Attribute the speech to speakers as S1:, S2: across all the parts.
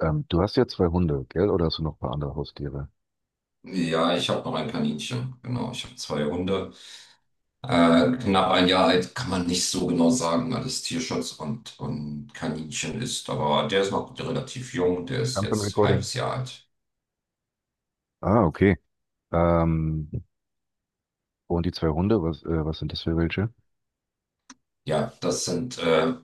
S1: Du hast ja zwei Hunde, gell? Oder hast du noch ein paar andere Haustiere?
S2: Ja, ich habe noch ein Kaninchen. Genau, ich habe zwei Hunde. Knapp ein Jahr alt kann man nicht so genau sagen, weil es Tierschutz und Kaninchen ist. Aber der ist noch relativ jung. Der ist
S1: Jump im from
S2: jetzt
S1: Recording.
S2: halbes Jahr alt.
S1: Ah, okay. Ähm, und die zwei Hunde, was sind das für welche?
S2: Ja, das sind,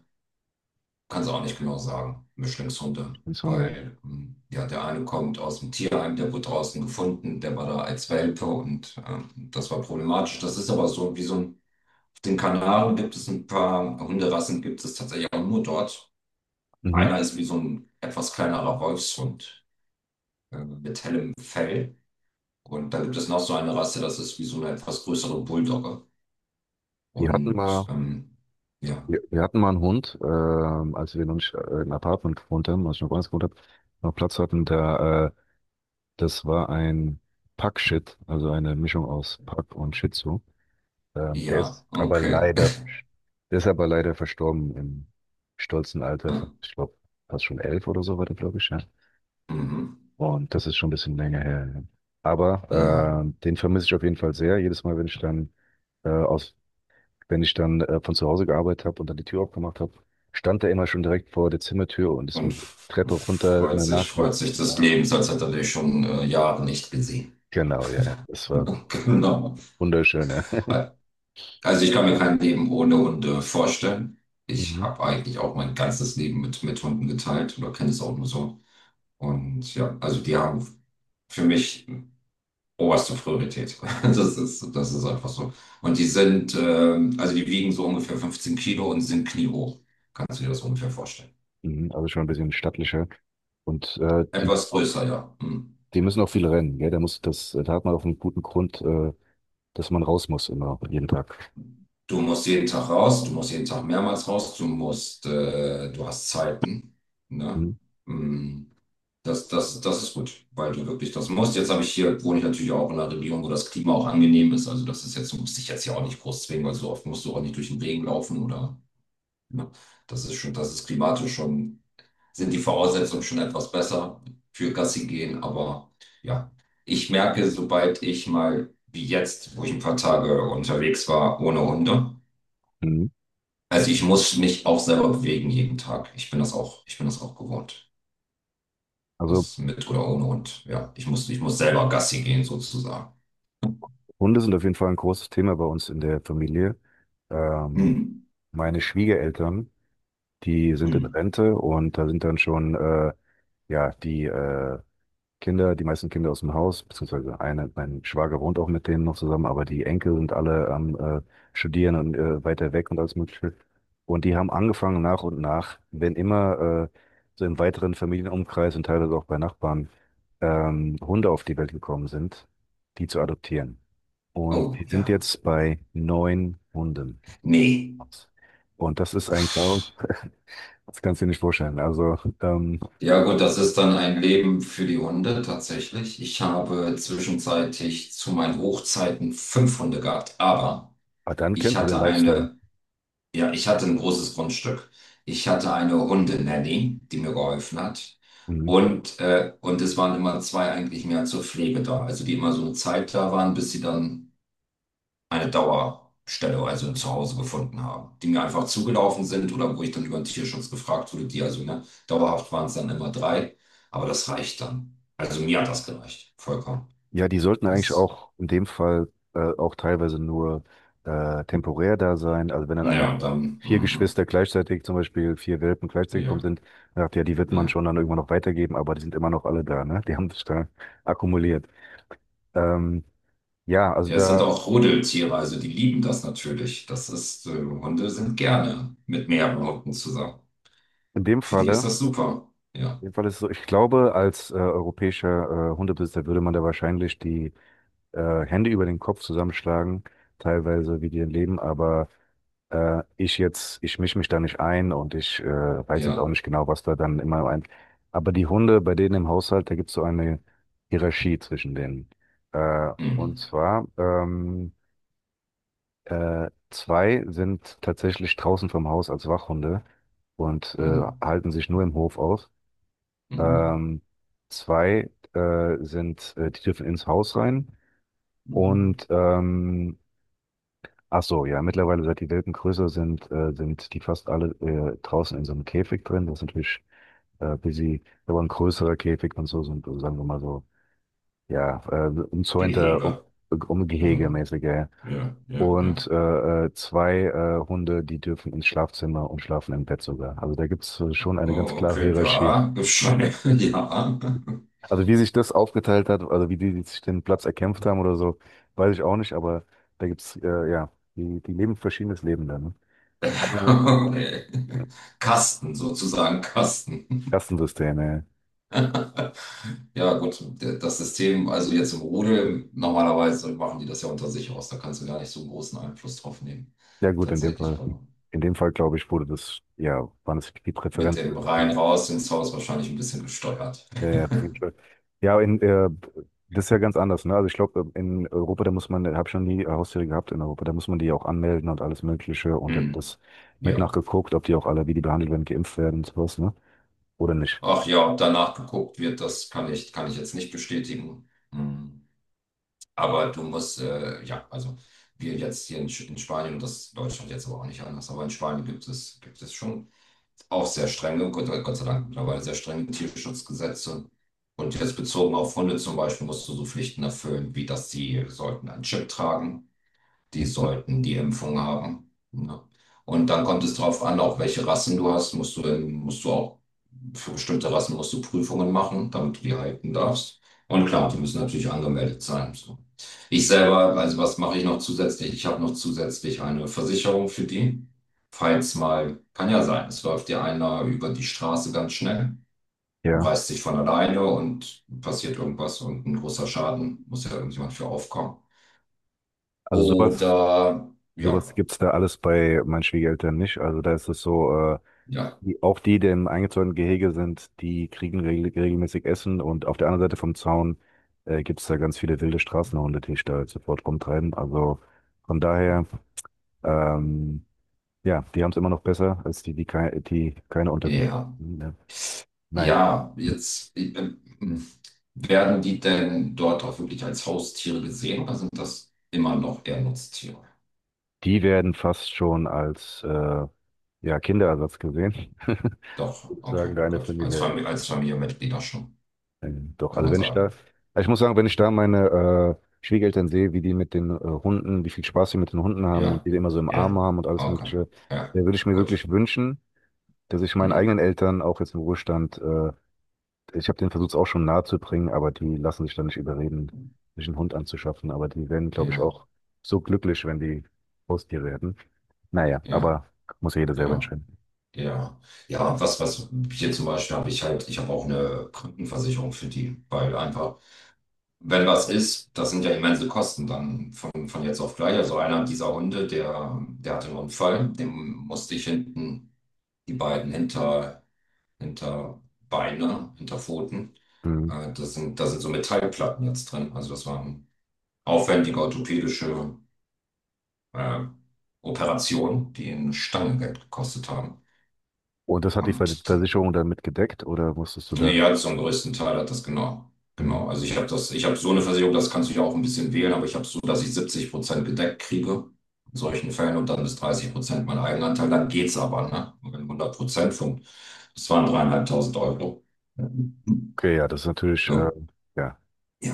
S2: kann es auch nicht genau sagen, Mischlingshunde.
S1: Stimmt's.
S2: Weil, ja, der eine kommt aus dem Tierheim, der wurde draußen gefunden, der war da als Welpe und das war problematisch. Das ist aber so wie so ein. Den Kanaren gibt es ein paar Hunderassen, gibt es tatsächlich auch nur dort.
S1: Mhm.
S2: Einer ist wie so ein etwas kleinerer Wolfshund mit hellem Fell. Und da gibt es noch so eine Rasse, das ist wie so eine etwas größere Bulldogge.
S1: Wir hatten
S2: Und
S1: mal,
S2: ja,
S1: wir hatten mal einen Hund, als wir noch nicht im Apartment gewohnt haben, als ich noch woanders gewohnt habe, noch Platz hatten, da, das war ein Pack-Shit, also eine Mischung aus Pack und Shih Tzu. Ähm, der
S2: ja,
S1: ist aber
S2: okay.
S1: leider, der ist aber leider verstorben im stolzen Alter von,
S2: Ja,
S1: ich glaube, fast schon 11 oder so war der, glaube ich, ja.
S2: mhm.
S1: Und das ist schon ein bisschen länger her. Ja.
S2: Ja,
S1: Aber den vermisse ich auf jeden Fall sehr. Jedes Mal, wenn ich dann äh, aus, von zu Hause gearbeitet habe und dann die Tür aufgemacht habe, stand er immer schon direkt vor der Zimmertür und ist
S2: und
S1: mit der Treppe runter eine nach. Ja.
S2: freut sich des Lebens, als hätte er dich schon Jahre nicht gesehen.
S1: Genau, ja, ja. Das war
S2: Genau.
S1: wunderschön, ja.
S2: Also ich kann mir kein Leben ohne Hunde vorstellen. Ich
S1: Mhm.
S2: habe eigentlich auch mein ganzes Leben mit Hunden geteilt oder kenne es auch nur so. Und ja, also die haben für mich oberste Priorität. Das ist einfach so. Und die sind, also die wiegen so ungefähr 15 Kilo und sind kniehoch. Kannst du dir das ungefähr vorstellen?
S1: Mhm. Also schon ein bisschen stattlicher. Und die,
S2: Etwas größer, ja. Hm.
S1: die müssen auch viel rennen, gell? Da muss das, da hat man auch einen guten Grund, dass man raus muss immer jeden Tag.
S2: Du musst jeden Tag raus, du musst jeden Tag mehrmals raus, du musst, du hast Zeiten, ne?
S1: Mhm.
S2: Hm. Das ist gut, weil du wirklich das musst. Jetzt habe ich hier, wohne ich natürlich auch in einer Region, wo das Klima auch angenehm ist. Also das ist jetzt, du musst dich jetzt hier auch nicht groß zwingen, weil so oft musst du auch nicht durch den Regen laufen oder? Ne? Das ist klimatisch schon, sind die Voraussetzungen schon etwas besser für Gassi gehen. Aber ja, ich merke, sobald ich mal, wie jetzt, wo ich ein paar Tage unterwegs war, ohne Hunde,
S1: Mhm.
S2: also ich muss mich auch selber bewegen jeden Tag. Ich bin das auch gewohnt.
S1: Also
S2: Das mit oder ohne Hund. Ja, ich muss selber Gassi gehen sozusagen.
S1: Hunde sind auf jeden Fall ein großes Thema bei uns in der Familie. Ähm,
S2: Hm.
S1: Meine Schwiegereltern, die sind in
S2: Hm.
S1: Rente und da sind dann schon ja die meisten Kinder aus dem Haus, beziehungsweise eine, mein Schwager wohnt auch mit denen noch zusammen, aber die Enkel sind alle am Studieren und weiter weg und alles Mögliche. Und die haben angefangen nach und nach, wenn immer so im weiteren Familienumkreis und teilweise auch bei Nachbarn Hunde auf die Welt gekommen sind, die zu adoptieren. Und
S2: Oh,
S1: die sind
S2: ja.
S1: jetzt bei neun Hunden.
S2: Nee.
S1: Und das ist ein Chaos,
S2: Uff.
S1: das kannst du dir nicht vorstellen. Also,
S2: Ja gut, das ist dann ein Leben für die Hunde tatsächlich. Ich habe zwischenzeitlich zu meinen Hochzeiten fünf Hunde gehabt, aber
S1: aber dann
S2: ich
S1: kennst du den
S2: hatte
S1: Lifestyle.
S2: eine, ja, ich hatte ein großes Grundstück. Ich hatte eine Hundenanny, die mir geholfen hat.
S1: Mhm.
S2: Und es waren immer zwei eigentlich mehr zur Pflege da, also die immer so eine Zeit da waren, bis sie dann eine Dauerstelle, also ein Zuhause gefunden haben, die mir einfach zugelaufen sind oder wo ich dann über den Tierschutz gefragt wurde, die also, ne, dauerhaft waren es dann immer drei, aber das reicht dann. Also mir hat das gereicht, vollkommen.
S1: Ja, die sollten eigentlich
S2: Das,
S1: auch in dem Fall auch teilweise nur temporär da sein. Also wenn dann
S2: ja,
S1: einmal
S2: und dann,
S1: vier
S2: mhm,
S1: Geschwister gleichzeitig, zum Beispiel vier Welpen gleichzeitig gekommen
S2: ja,
S1: sind, dann sagt ja, die wird man
S2: ja.
S1: schon dann irgendwann noch weitergeben, aber die sind immer noch alle da, ne? Die haben sich da akkumuliert. Ähm, ja, also
S2: Ja, es sind
S1: da
S2: auch Rudeltiere, also die lieben das natürlich. Das ist, Hunde sind gerne mit mehreren Hunden zusammen.
S1: in dem
S2: Für die ist
S1: Falle,
S2: das super. Ja,
S1: in dem Fall ist es so, ich glaube, als europäischer Hundebesitzer würde man da wahrscheinlich die Hände über den Kopf zusammenschlagen, teilweise wie die leben, aber ich mische mich da nicht ein und ich weiß jetzt auch
S2: ja.
S1: nicht genau, was da dann immer ein. Aber die Hunde bei denen im Haushalt, da gibt es so eine Hierarchie zwischen denen. Und
S2: Mhm.
S1: zwar, zwei sind tatsächlich draußen vom Haus als Wachhunde und
S2: Mhm.
S1: halten sich nur im Hof auf.
S2: Mhm.
S1: Ähm, Zwei sind, die dürfen ins Haus rein.
S2: Mhm.
S1: Und ach so, ja, mittlerweile, seit die Welpen größer sind, sind die fast alle draußen in so einem Käfig drin. Das ist natürlich busy, aber ein größerer Käfig und so, so ein, sagen wir mal so, ja, umzäunter,
S2: Gehege.
S1: Umgehege
S2: So.
S1: mäßiger.
S2: Ja, ja, ja.
S1: Und zwei Hunde, die dürfen ins Schlafzimmer und schlafen im Bett sogar. Also da gibt's schon eine ganz
S2: Oh,
S1: klare
S2: okay,
S1: Hierarchie.
S2: ja, ist schon, ja.
S1: Also wie sich das aufgeteilt hat, also wie die sich den Platz erkämpft haben oder so, weiß ich auch nicht, aber da gibt's ja, die, die leben ein verschiedenes Leben dann. Ne?
S2: Okay. Kasten, sozusagen Kasten.
S1: Kastensysteme.
S2: Ja, gut, das System, also jetzt im Rudel, normalerweise machen die das ja unter sich aus, da kannst du gar nicht so einen großen Einfluss drauf nehmen.
S1: Ja gut,
S2: Tatsächlich, aber
S1: In dem Fall glaube ich, wurde das, ja, waren es die
S2: mit dem
S1: Präferenzen.
S2: rein raus ins Haus wahrscheinlich ein bisschen gesteuert.
S1: Ja, ja, auf jeden Fall. Ja, das ist ja ganz anders, ne? Also ich glaube, in Europa, da muss man, ich habe schon die Haustiere gehabt in Europa, da muss man die auch anmelden und alles Mögliche und da wird
S2: Hm.
S1: das mit
S2: Ja.
S1: nachgeguckt, ob die auch alle, wie die behandelt werden, geimpft werden und sowas, ne? Oder nicht.
S2: Ach ja, ob danach geguckt wird, das kann ich jetzt nicht bestätigen. Hm. Aber du musst, ja, also wir jetzt hier in, in Spanien und das ist Deutschland jetzt aber auch nicht anders, aber in Spanien gibt es schon auch sehr strenge, Gott, Gott sei Dank mittlerweile sehr strenge Tierschutzgesetze. Und jetzt bezogen auf Hunde zum Beispiel musst du so Pflichten erfüllen, wie dass sie sollten einen Chip tragen, die
S1: Mhm.
S2: sollten die Impfung haben. Ne? Und dann kommt es drauf an, auch welche Rassen du hast, musst du auch für bestimmte Rassen musst du Prüfungen machen, damit du die halten darfst. Und klar, die müssen natürlich angemeldet sein. So. Ich selber, also was mache ich noch zusätzlich? Ich habe noch zusätzlich eine Versicherung für die. Falls mal, kann ja sein, es läuft dir einer über die Straße ganz schnell und
S1: Ja,
S2: reißt sich von alleine und passiert irgendwas und ein großer Schaden, muss ja irgendjemand für aufkommen.
S1: also sowas,
S2: Oder
S1: sowas
S2: ja.
S1: gibt's da alles bei meinen Schwiegereltern nicht. Also da ist es so.
S2: Ja,
S1: Die, auch die, die im eingezäunten Gehege sind, die kriegen regelmäßig Essen und auf der anderen Seite vom Zaun gibt es da ganz viele wilde Straßenhunde, die sich da sofort rumtreiben. Also von daher, ähm, ja, die haben es immer noch besser als die, die, kei die keine
S2: ja,
S1: Unterkunft.
S2: ja.
S1: Ne? Naja,
S2: Ja, jetzt werden die denn dort auch wirklich als Haustiere gesehen oder sind das immer noch eher Nutztiere?
S1: die werden fast schon als ja, Kinderersatz gesehen,
S2: Doch,
S1: sagen
S2: okay,
S1: deine
S2: gut. Als
S1: Familie. Ja.
S2: Familie, als Familienmitglieder schon,
S1: Doch,
S2: kann
S1: also
S2: man
S1: wenn ich da,
S2: sagen.
S1: also ich muss sagen, wenn ich da meine Schwiegereltern sehe, wie die mit den Hunden, wie viel Spaß sie mit den Hunden
S2: Ja,
S1: haben und die, die immer so im Arm
S2: ja,
S1: haben und alles
S2: okay,
S1: Mögliche, da
S2: ja,
S1: würde ich mir wirklich
S2: gut.
S1: wünschen, dass ich meinen
S2: Hm,
S1: eigenen Eltern auch jetzt im Ruhestand, ich habe den Versuch auch schon nahe zu bringen, aber die lassen sich da nicht überreden, sich einen Hund anzuschaffen. Aber die werden, glaube ich,
S2: ja,
S1: auch so glücklich, wenn die Haustier werden. Naja,
S2: ja,
S1: aber muss ja jeder selber
S2: ja,
S1: entscheiden.
S2: ja. Ja, was, was hier zum Beispiel habe ich halt, ich habe auch eine Krankenversicherung für die, weil einfach. Wenn was ist, das sind ja immense Kosten dann von jetzt auf gleich. Also einer dieser Hunde, der, der hatte einen Unfall, dem musste ich hinten die beiden hinter, hinter Beine, hinter Pfoten.
S1: Mhm.
S2: Das sind, da sind so Metallplatten jetzt drin. Also das war eine aufwendige orthopädische äh, Operation, die eine Stange Geld gekostet haben.
S1: Und das hat die
S2: Und
S1: Versicherung dann mitgedeckt oder musstest du
S2: nee.
S1: da?
S2: Ja, zum größten Teil hat das, genau.
S1: Mhm.
S2: Genau. Also ich habe das, ich habe so eine Versicherung, das kannst du ja auch ein bisschen wählen, aber ich habe so, dass ich 70 Prozent gedeckt kriege in solchen Fällen und dann bis 30 Prozent mein Eigenanteil, dann geht's aber, ne? Wenn hundert Prozent von, das waren dreieinhalbtausend Euro.
S1: Okay, ja, das ist natürlich,
S2: Ja,
S1: ja,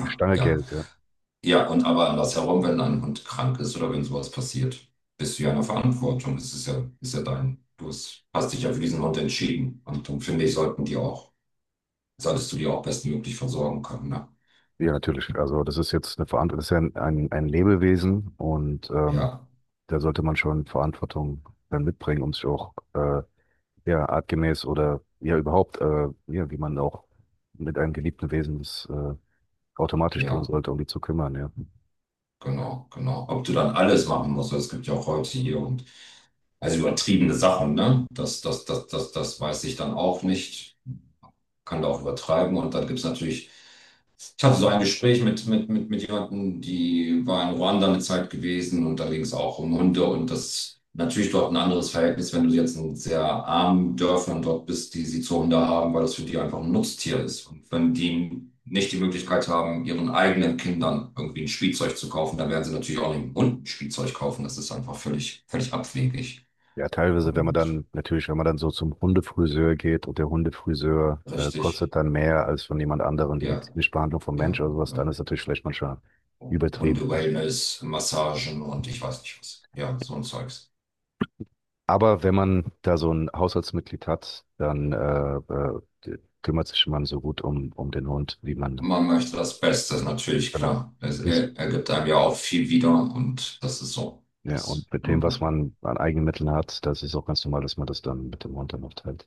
S1: eine Stange
S2: ja.
S1: Geld, ja.
S2: Ja, und aber andersherum, wenn ein Hund krank ist oder wenn sowas passiert, bist du ja in der Verantwortung. Es ist ja dein, du hast dich ja für diesen Hund entschieden. Und dann finde ich, sollten die auch, solltest du die auch bestmöglich versorgen können, ne?
S1: Ja, natürlich. Also das ist jetzt eine Verantwortung, das ist ja ein Lebewesen und
S2: Ja,
S1: da sollte man schon Verantwortung dann mitbringen, um sich auch ja, artgemäß oder ja überhaupt, ja, wie man auch mit einem geliebten Wesen das automatisch tun
S2: ja,
S1: sollte, um die zu kümmern, ja.
S2: genau, genau. Ob du dann alles machen musst, es gibt ja auch heute hier und also übertriebene Sachen, ne? Das weiß ich dann auch nicht, kann da auch übertreiben. Und dann gibt es natürlich. Ich hatte so ein Gespräch mit jemandem, die war in Ruanda eine Zeit gewesen und da ging es auch um Hunde und das ist natürlich dort ein anderes Verhältnis, wenn du jetzt in sehr armen Dörfern dort bist, die sie zu Hunde haben, weil das für die einfach ein Nutztier ist. Und wenn die nicht die Möglichkeit haben, ihren eigenen Kindern irgendwie ein Spielzeug zu kaufen, dann werden sie natürlich auch nicht einen Hund ein Spielzeug kaufen. Das ist einfach völlig, völlig abwegig
S1: Ja, teilweise, wenn man
S2: und
S1: dann, natürlich, wenn man dann so zum Hundefriseur geht und der Hundefriseur
S2: richtig.
S1: kostet dann mehr als von jemand anderem die
S2: Ja,
S1: medizinische Behandlung vom Mensch
S2: ja.
S1: oder sowas, dann
S2: Oder
S1: ist natürlich vielleicht manchmal übertrieben.
S2: Hunde-Wellness, Massagen und ich weiß nicht was. Ja, so ein Zeugs.
S1: Aber wenn man da so ein Haushaltsmitglied hat, dann kümmert sich man so gut um den Hund, wie man
S2: Man möchte das Beste, ist natürlich
S1: genau.
S2: klar. Es
S1: Ist-
S2: ergibt einem ja auch viel wieder und das ist so.
S1: Ja,
S2: Das,
S1: und mit dem, was
S2: mhm.
S1: man an eigenen Mitteln hat, das ist auch ganz normal, dass man das dann mit dem Hund dann auch teilt.